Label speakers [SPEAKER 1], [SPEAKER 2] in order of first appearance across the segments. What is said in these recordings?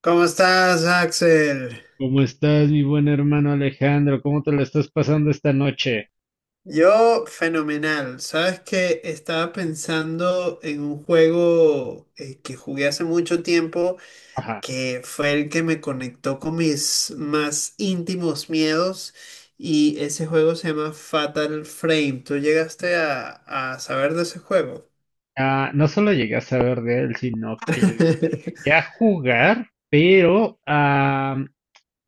[SPEAKER 1] ¿Cómo estás, Axel?
[SPEAKER 2] ¿Cómo estás, mi buen hermano Alejandro? ¿Cómo te lo estás pasando esta noche?
[SPEAKER 1] Yo, fenomenal. Sabes que estaba pensando en un juego que jugué hace mucho tiempo,
[SPEAKER 2] Ajá.
[SPEAKER 1] que fue el que me conectó con mis más íntimos miedos, y ese juego se llama Fatal Frame. ¿Tú llegaste a saber de ese juego?
[SPEAKER 2] Ah, no solo llegué a saber de él, sino que lo llegué a jugar, pero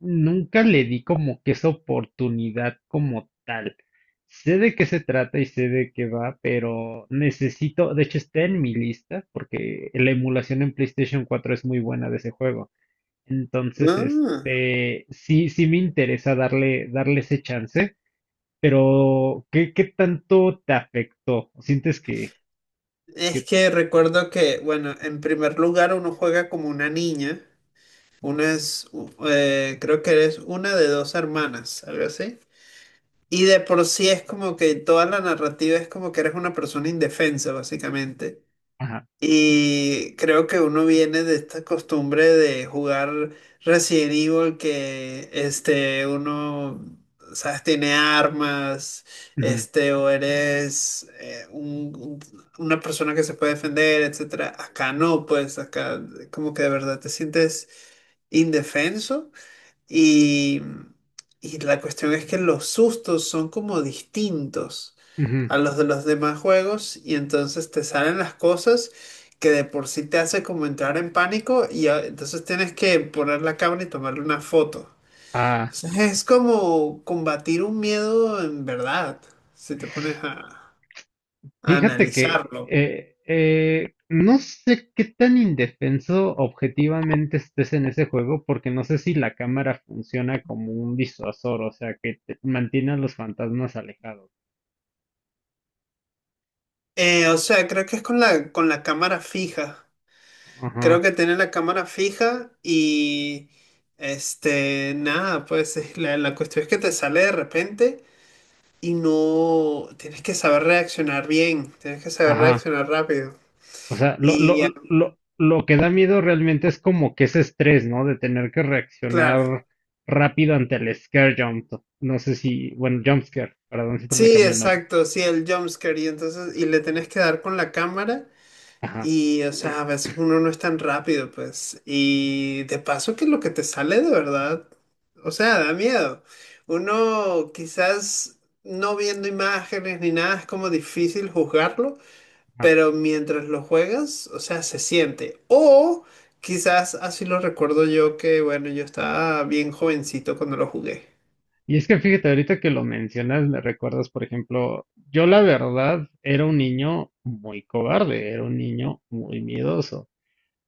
[SPEAKER 2] nunca le di como que esa oportunidad como tal. Sé de qué se trata y sé de qué va, pero necesito, de hecho está en mi lista, porque la emulación en PlayStation 4 es muy buena de ese juego. Entonces,
[SPEAKER 1] Ah,
[SPEAKER 2] este, sí, sí me interesa darle ese chance. O ¿Qué tanto te afectó? ¿Sientes que
[SPEAKER 1] es
[SPEAKER 2] te...?
[SPEAKER 1] que recuerdo que, bueno, en primer lugar uno juega como una niña. Una es, creo que eres una de dos hermanas, algo así. Y de por sí es como que toda la narrativa es como que eres una persona indefensa, básicamente.
[SPEAKER 2] Ajá.
[SPEAKER 1] Y creo que uno viene de esta costumbre de jugar Resident Evil que este, uno, sabes, tiene armas,
[SPEAKER 2] Ujú,
[SPEAKER 1] este, o eres una persona que se puede defender, etcétera. Acá no, pues acá como que de verdad te sientes indefenso. Y, y la cuestión es que los sustos son como distintos
[SPEAKER 2] ujú.
[SPEAKER 1] a los de los demás juegos y entonces te salen las cosas que de por sí te hace como entrar en pánico y entonces tienes que poner la cámara y tomarle una foto.
[SPEAKER 2] Ah,
[SPEAKER 1] Entonces es como combatir un miedo en verdad, si te pones a
[SPEAKER 2] fíjate que
[SPEAKER 1] analizarlo.
[SPEAKER 2] no sé qué tan indefenso objetivamente estés en ese juego, porque no sé si la cámara funciona como un disuasor, o sea, que te mantiene a los fantasmas alejados.
[SPEAKER 1] O sea, creo que es con la cámara fija. Creo
[SPEAKER 2] Ajá,
[SPEAKER 1] que tiene la cámara fija y este, nada, pues es la, la cuestión es que te sale de repente y no tienes que saber reaccionar bien, tienes que saber
[SPEAKER 2] ajá.
[SPEAKER 1] reaccionar rápido.
[SPEAKER 2] O sea, lo, lo,
[SPEAKER 1] Y ah,
[SPEAKER 2] lo, lo que da miedo realmente es como que ese estrés, ¿no? De tener que
[SPEAKER 1] claro,
[SPEAKER 2] reaccionar rápido ante el scare jump. No sé si, bueno, jump scare, perdón, siempre le
[SPEAKER 1] sí,
[SPEAKER 2] cambio el nombre.
[SPEAKER 1] exacto, sí, el jumpscare y entonces, y le tienes que dar con la cámara.
[SPEAKER 2] Ajá,
[SPEAKER 1] Y, o sea, a veces uno no es tan rápido, pues. Y de paso que lo que te sale de verdad, o sea, da miedo. Uno quizás no viendo imágenes ni nada es como difícil juzgarlo,
[SPEAKER 2] ajá.
[SPEAKER 1] pero mientras lo juegas, o sea, se siente. O quizás así lo recuerdo yo que, bueno, yo estaba bien jovencito cuando lo jugué.
[SPEAKER 2] Y es que fíjate, ahorita que lo mencionas, me recuerdas, por ejemplo, yo la verdad era un niño muy cobarde, era un niño muy miedoso.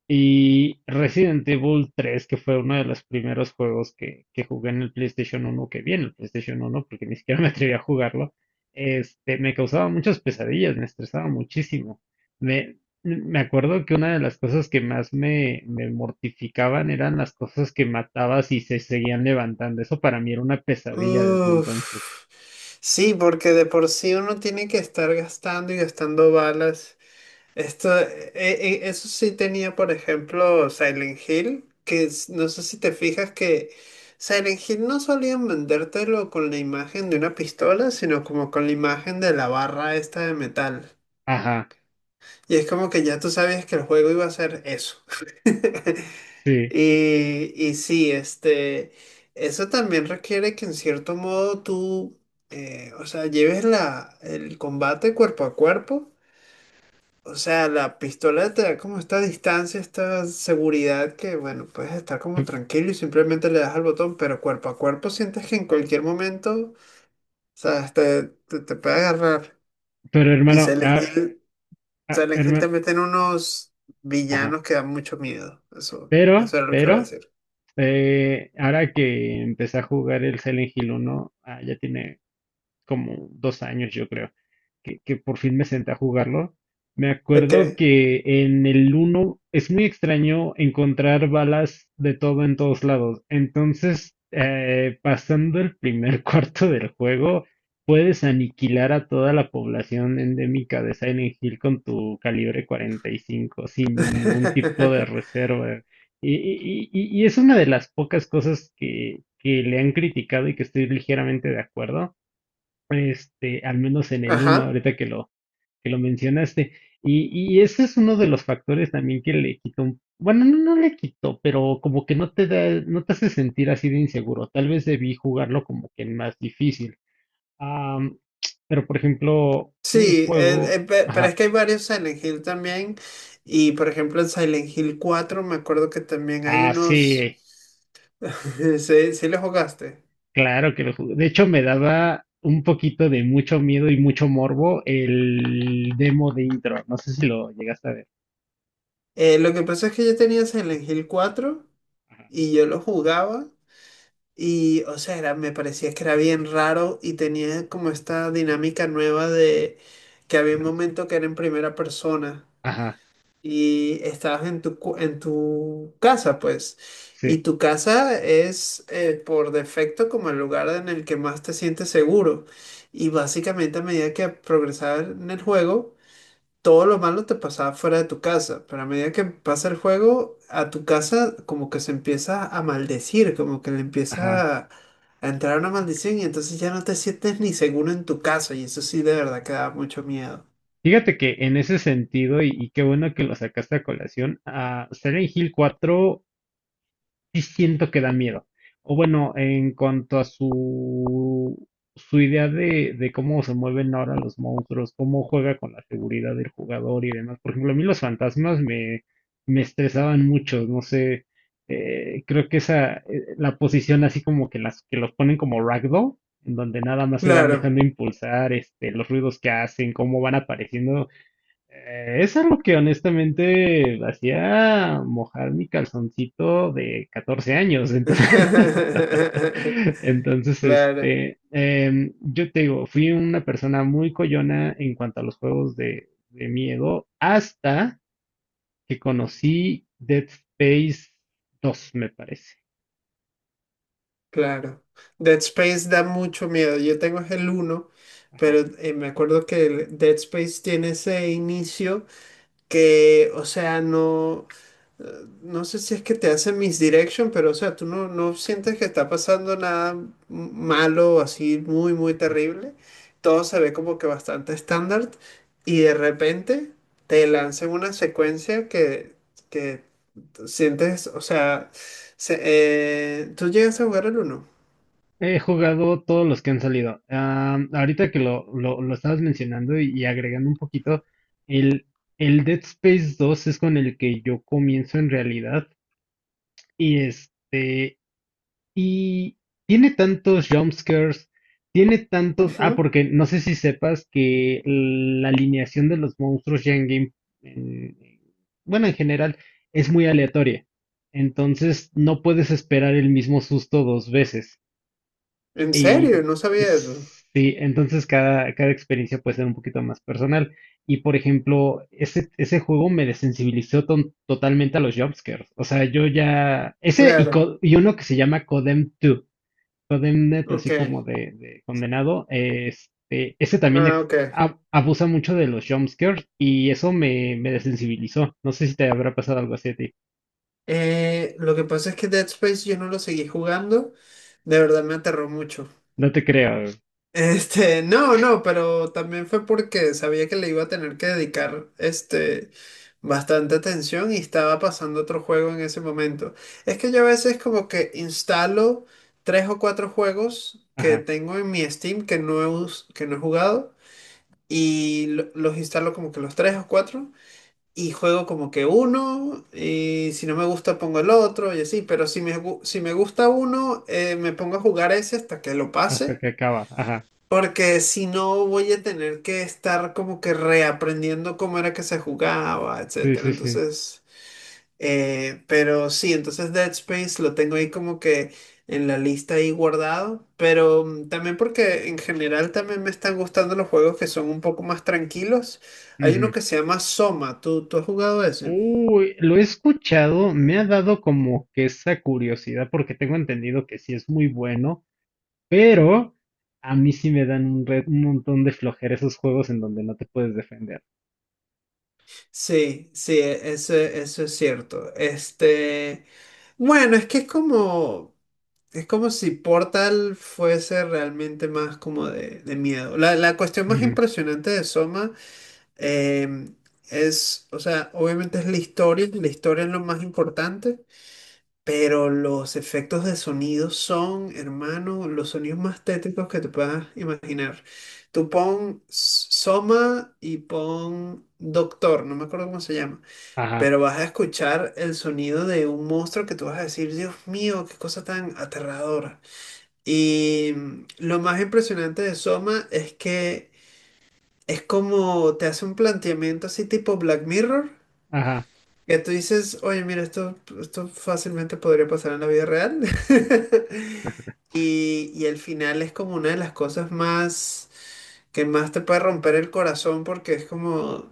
[SPEAKER 2] Y Resident Evil 3 que fue uno de los primeros juegos que, jugué en el PlayStation 1, que vi en el PlayStation 1, porque ni siquiera me atreví a jugarlo, este, me causaba muchas pesadillas, me estresaba muchísimo. Me, me acuerdo que una de las cosas que más me mortificaban eran las cosas que matabas y se seguían levantando. Eso para mí era una pesadilla desde entonces.
[SPEAKER 1] Uf. Sí, porque de por sí uno tiene que estar gastando y gastando balas. Esto, eso sí tenía, por ejemplo, Silent Hill, que es- no sé si te fijas que Silent Hill no solían vendértelo con la imagen de una pistola, sino como con la imagen de la barra esta de metal.
[SPEAKER 2] Ajá,
[SPEAKER 1] Y es como que ya tú sabías que el juego iba a ser eso.
[SPEAKER 2] sí.
[SPEAKER 1] Y, y sí, este, eso también requiere que en cierto modo tú, o sea, lleves la, el combate cuerpo a cuerpo. O sea, la pistola te da como esta distancia, esta seguridad que, bueno, puedes estar como
[SPEAKER 2] P-
[SPEAKER 1] tranquilo y simplemente le das al botón, pero cuerpo a cuerpo sientes que en cualquier momento, sabes, te puede agarrar.
[SPEAKER 2] Pero
[SPEAKER 1] Y
[SPEAKER 2] hermano,
[SPEAKER 1] Silent Hill, Silent Hill
[SPEAKER 2] hermano,
[SPEAKER 1] también tiene unos
[SPEAKER 2] ajá.
[SPEAKER 1] villanos que dan mucho miedo. Eso,
[SPEAKER 2] Pero,
[SPEAKER 1] eso era lo que iba a
[SPEAKER 2] pero,
[SPEAKER 1] decir.
[SPEAKER 2] Eh, ahora que empecé a jugar el Silent Hill 1, ya tiene como 2 años, yo creo que por fin me senté a jugarlo. Me
[SPEAKER 1] Ok.
[SPEAKER 2] acuerdo que en el uno es muy extraño encontrar balas de todo en todos lados. Entonces, pasando el primer cuarto del juego, puedes aniquilar a toda la población endémica de Silent Hill con tu calibre 45 sin ningún tipo de reserva. Y es una de las pocas cosas que, le han criticado y que estoy ligeramente de acuerdo, este, al menos en el uno
[SPEAKER 1] Ajá.
[SPEAKER 2] ahorita que lo mencionaste. Y ese es uno de los factores también que le quitó, bueno, no, no le quitó, pero como que no te da, no te hace sentir así de inseguro. Tal vez debí jugarlo como que más difícil. Am, pero por ejemplo, un
[SPEAKER 1] Sí,
[SPEAKER 2] juego,
[SPEAKER 1] pero es
[SPEAKER 2] ajá,
[SPEAKER 1] que hay varios Silent Hill también. Y por ejemplo, en Silent Hill 4 me acuerdo que también hay
[SPEAKER 2] sí,
[SPEAKER 1] unos. Sí, sí lo jugaste.
[SPEAKER 2] claro que lo jugué. De hecho, me daba un poquito de mucho miedo y mucho morbo el demo de intro. No sé si lo llegaste a ver.
[SPEAKER 1] Lo que pasa es que yo tenía Silent Hill 4 y yo lo jugaba y, o sea, era- me parecía que era bien raro y tenía como esta dinámica nueva de que había un momento que era en primera persona
[SPEAKER 2] Ajá,
[SPEAKER 1] y estabas en tu, en tu casa, pues. Y
[SPEAKER 2] sí,
[SPEAKER 1] tu casa es por defecto como el lugar en el que más te sientes seguro. Y básicamente a medida que progresaba en el juego todo lo malo te pasaba fuera de tu casa, pero a medida que pasa el juego, a tu casa como que se empieza a maldecir, como que le
[SPEAKER 2] ajá.
[SPEAKER 1] empieza a entrar una maldición y entonces ya no te sientes ni seguro en tu casa y eso sí de verdad que da mucho miedo.
[SPEAKER 2] Fíjate que en ese sentido, y qué bueno que lo sacaste a colación, a Silent Hill 4 sí siento que da miedo. O bueno, en cuanto a su, idea de cómo se mueven ahora los monstruos, cómo juega con la seguridad del jugador y demás. Por ejemplo, a mí los fantasmas me estresaban mucho, no sé, creo que la posición así como que que los ponen como ragdoll, en donde nada más se van
[SPEAKER 1] Claro.
[SPEAKER 2] dejando impulsar, este, los ruidos que hacen, cómo van apareciendo. Eso es lo que honestamente hacía mojar mi calzoncito de 14 años. Entonces, entonces
[SPEAKER 1] Claro,
[SPEAKER 2] este, yo te digo, fui una persona muy coyona en cuanto a los juegos de, miedo hasta que conocí Dead Space 2, me parece.
[SPEAKER 1] claro. Dead Space da mucho miedo. Yo tengo es el uno, pero me acuerdo que el Dead Space tiene ese inicio que, o sea, no. No sé si es que te hace misdirection, pero o sea, tú no, no sientes que está pasando nada malo, así muy, muy terrible. Todo se ve como que bastante estándar y de repente te lanzan una secuencia que tú sientes, o sea, se- tú llegas a jugar el uno.
[SPEAKER 2] He jugado todos los que han salido. Ahorita que lo, estabas mencionando y agregando un poquito, el, el Dead Space 2 es con el que yo comienzo en realidad. Y este, y tiene tantos jumpscares, tiene tantos. Ah,
[SPEAKER 1] Ujú.
[SPEAKER 2] porque no sé si sepas que la alineación de los monstruos ya en game, en- bueno, en general, es muy aleatoria. Entonces no puedes esperar el mismo susto dos veces.
[SPEAKER 1] ¿En serio?
[SPEAKER 2] Y
[SPEAKER 1] No sabía eso.
[SPEAKER 2] sí, entonces cada, experiencia puede ser un poquito más personal. Y por ejemplo, ese juego me desensibilizó totalmente a los jumpscares. O sea, yo ya. Ese y,
[SPEAKER 1] Claro,
[SPEAKER 2] co- y uno que se llama Codem 2, Codemnet,
[SPEAKER 1] ok.
[SPEAKER 2] así como de, condenado. Este, ese también
[SPEAKER 1] Ah,
[SPEAKER 2] ex-
[SPEAKER 1] ok.
[SPEAKER 2] ab- abusa mucho de los jumpscares y eso me desensibilizó. No sé si te habrá pasado algo así a ti.
[SPEAKER 1] Lo que pasa es que Dead Space yo no lo seguí jugando. De verdad me aterró mucho.
[SPEAKER 2] No te creo.
[SPEAKER 1] Este, no, no, pero también fue porque sabía que le iba a tener que dedicar, este, bastante atención y estaba pasando otro juego en ese momento. Es que yo a veces como que instalo tres o cuatro juegos que
[SPEAKER 2] Ajá.
[SPEAKER 1] tengo en mi Steam que no he, que no he jugado y los instalo como que los tres o cuatro y juego como que uno y si no me gusta pongo el otro y así, pero si me, si me gusta uno, me pongo a jugar ese hasta que lo
[SPEAKER 2] Hasta
[SPEAKER 1] pase.
[SPEAKER 2] que acaba. Ajá.
[SPEAKER 1] Porque si no voy a tener que estar como que reaprendiendo cómo era que se jugaba,
[SPEAKER 2] Sí,
[SPEAKER 1] etcétera.
[SPEAKER 2] sí,
[SPEAKER 1] Entonces, pero sí, entonces Dead Space lo tengo ahí como que en la lista ahí guardado. Pero mm, también porque en general también me están gustando los juegos que son un poco más tranquilos. Hay uno
[SPEAKER 2] sí.
[SPEAKER 1] que se llama Soma. ¿Tú, tú has jugado ese?
[SPEAKER 2] Uy, lo he escuchado, me ha dado como que esa curiosidad porque tengo entendido que sí es muy bueno, pero a mí sí me dan un montón de flojera esos juegos en donde no te puedes defender.
[SPEAKER 1] Sí, sí, eso, eso es cierto. Este, bueno, es que es como. Es como si Portal fuese realmente más como de miedo. La cuestión más
[SPEAKER 2] Ujú,
[SPEAKER 1] impresionante de Soma eh, es, o sea, obviamente es la historia es lo más importante, pero los efectos de sonido son, hermano, los sonidos más tétricos que te puedas imaginar. Tú pon Soma y pon Doctor, no me acuerdo cómo se llama,
[SPEAKER 2] ajá,
[SPEAKER 1] pero vas a escuchar el sonido de un monstruo que tú vas a decir, Dios mío, qué cosa tan aterradora. Y mm, lo más impresionante de Soma es que es como te hace un planteamiento así tipo Black Mirror,
[SPEAKER 2] ajá,
[SPEAKER 1] que tú dices, oye, mira, esto fácilmente podría pasar en la vida real. Y, y el final es como una de las cosas más que más te puede romper el corazón porque es como...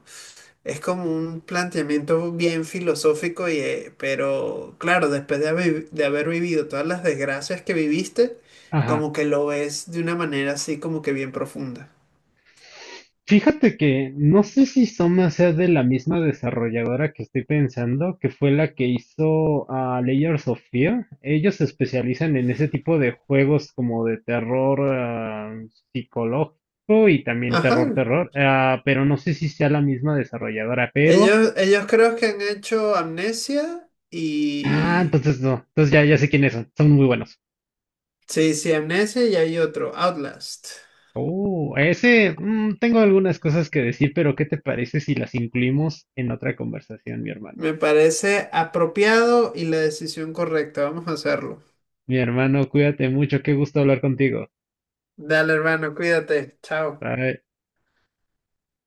[SPEAKER 1] Es como un planteamiento bien filosófico, y, pero claro, después de haber vivido todas las desgracias que viviste,
[SPEAKER 2] ajá.
[SPEAKER 1] como que lo ves de una manera así como que bien profunda.
[SPEAKER 2] Fíjate que no sé si Soma sea de la misma desarrolladora que estoy pensando, que fue la que hizo a Layers of Fear. Ellos se especializan en ese tipo de juegos como de terror psicológico y también
[SPEAKER 1] Ajá.
[SPEAKER 2] terror terror. Pero no sé si sea la misma desarrolladora, pero
[SPEAKER 1] Ellos creo que han hecho Amnesia y...
[SPEAKER 2] entonces no, entonces ya ya sé quiénes son, muy buenos.
[SPEAKER 1] Sí, sí, Amnesia y hay otro, Outlast.
[SPEAKER 2] Oh, ese tengo algunas cosas que decir, pero ¿qué te parece si las incluimos en otra conversación, mi hermano?
[SPEAKER 1] Me parece apropiado y la decisión correcta. Vamos a hacerlo.
[SPEAKER 2] Mi hermano, cuídate mucho, qué gusto hablar contigo.
[SPEAKER 1] Dale, hermano, cuídate. Chao.
[SPEAKER 2] Bye.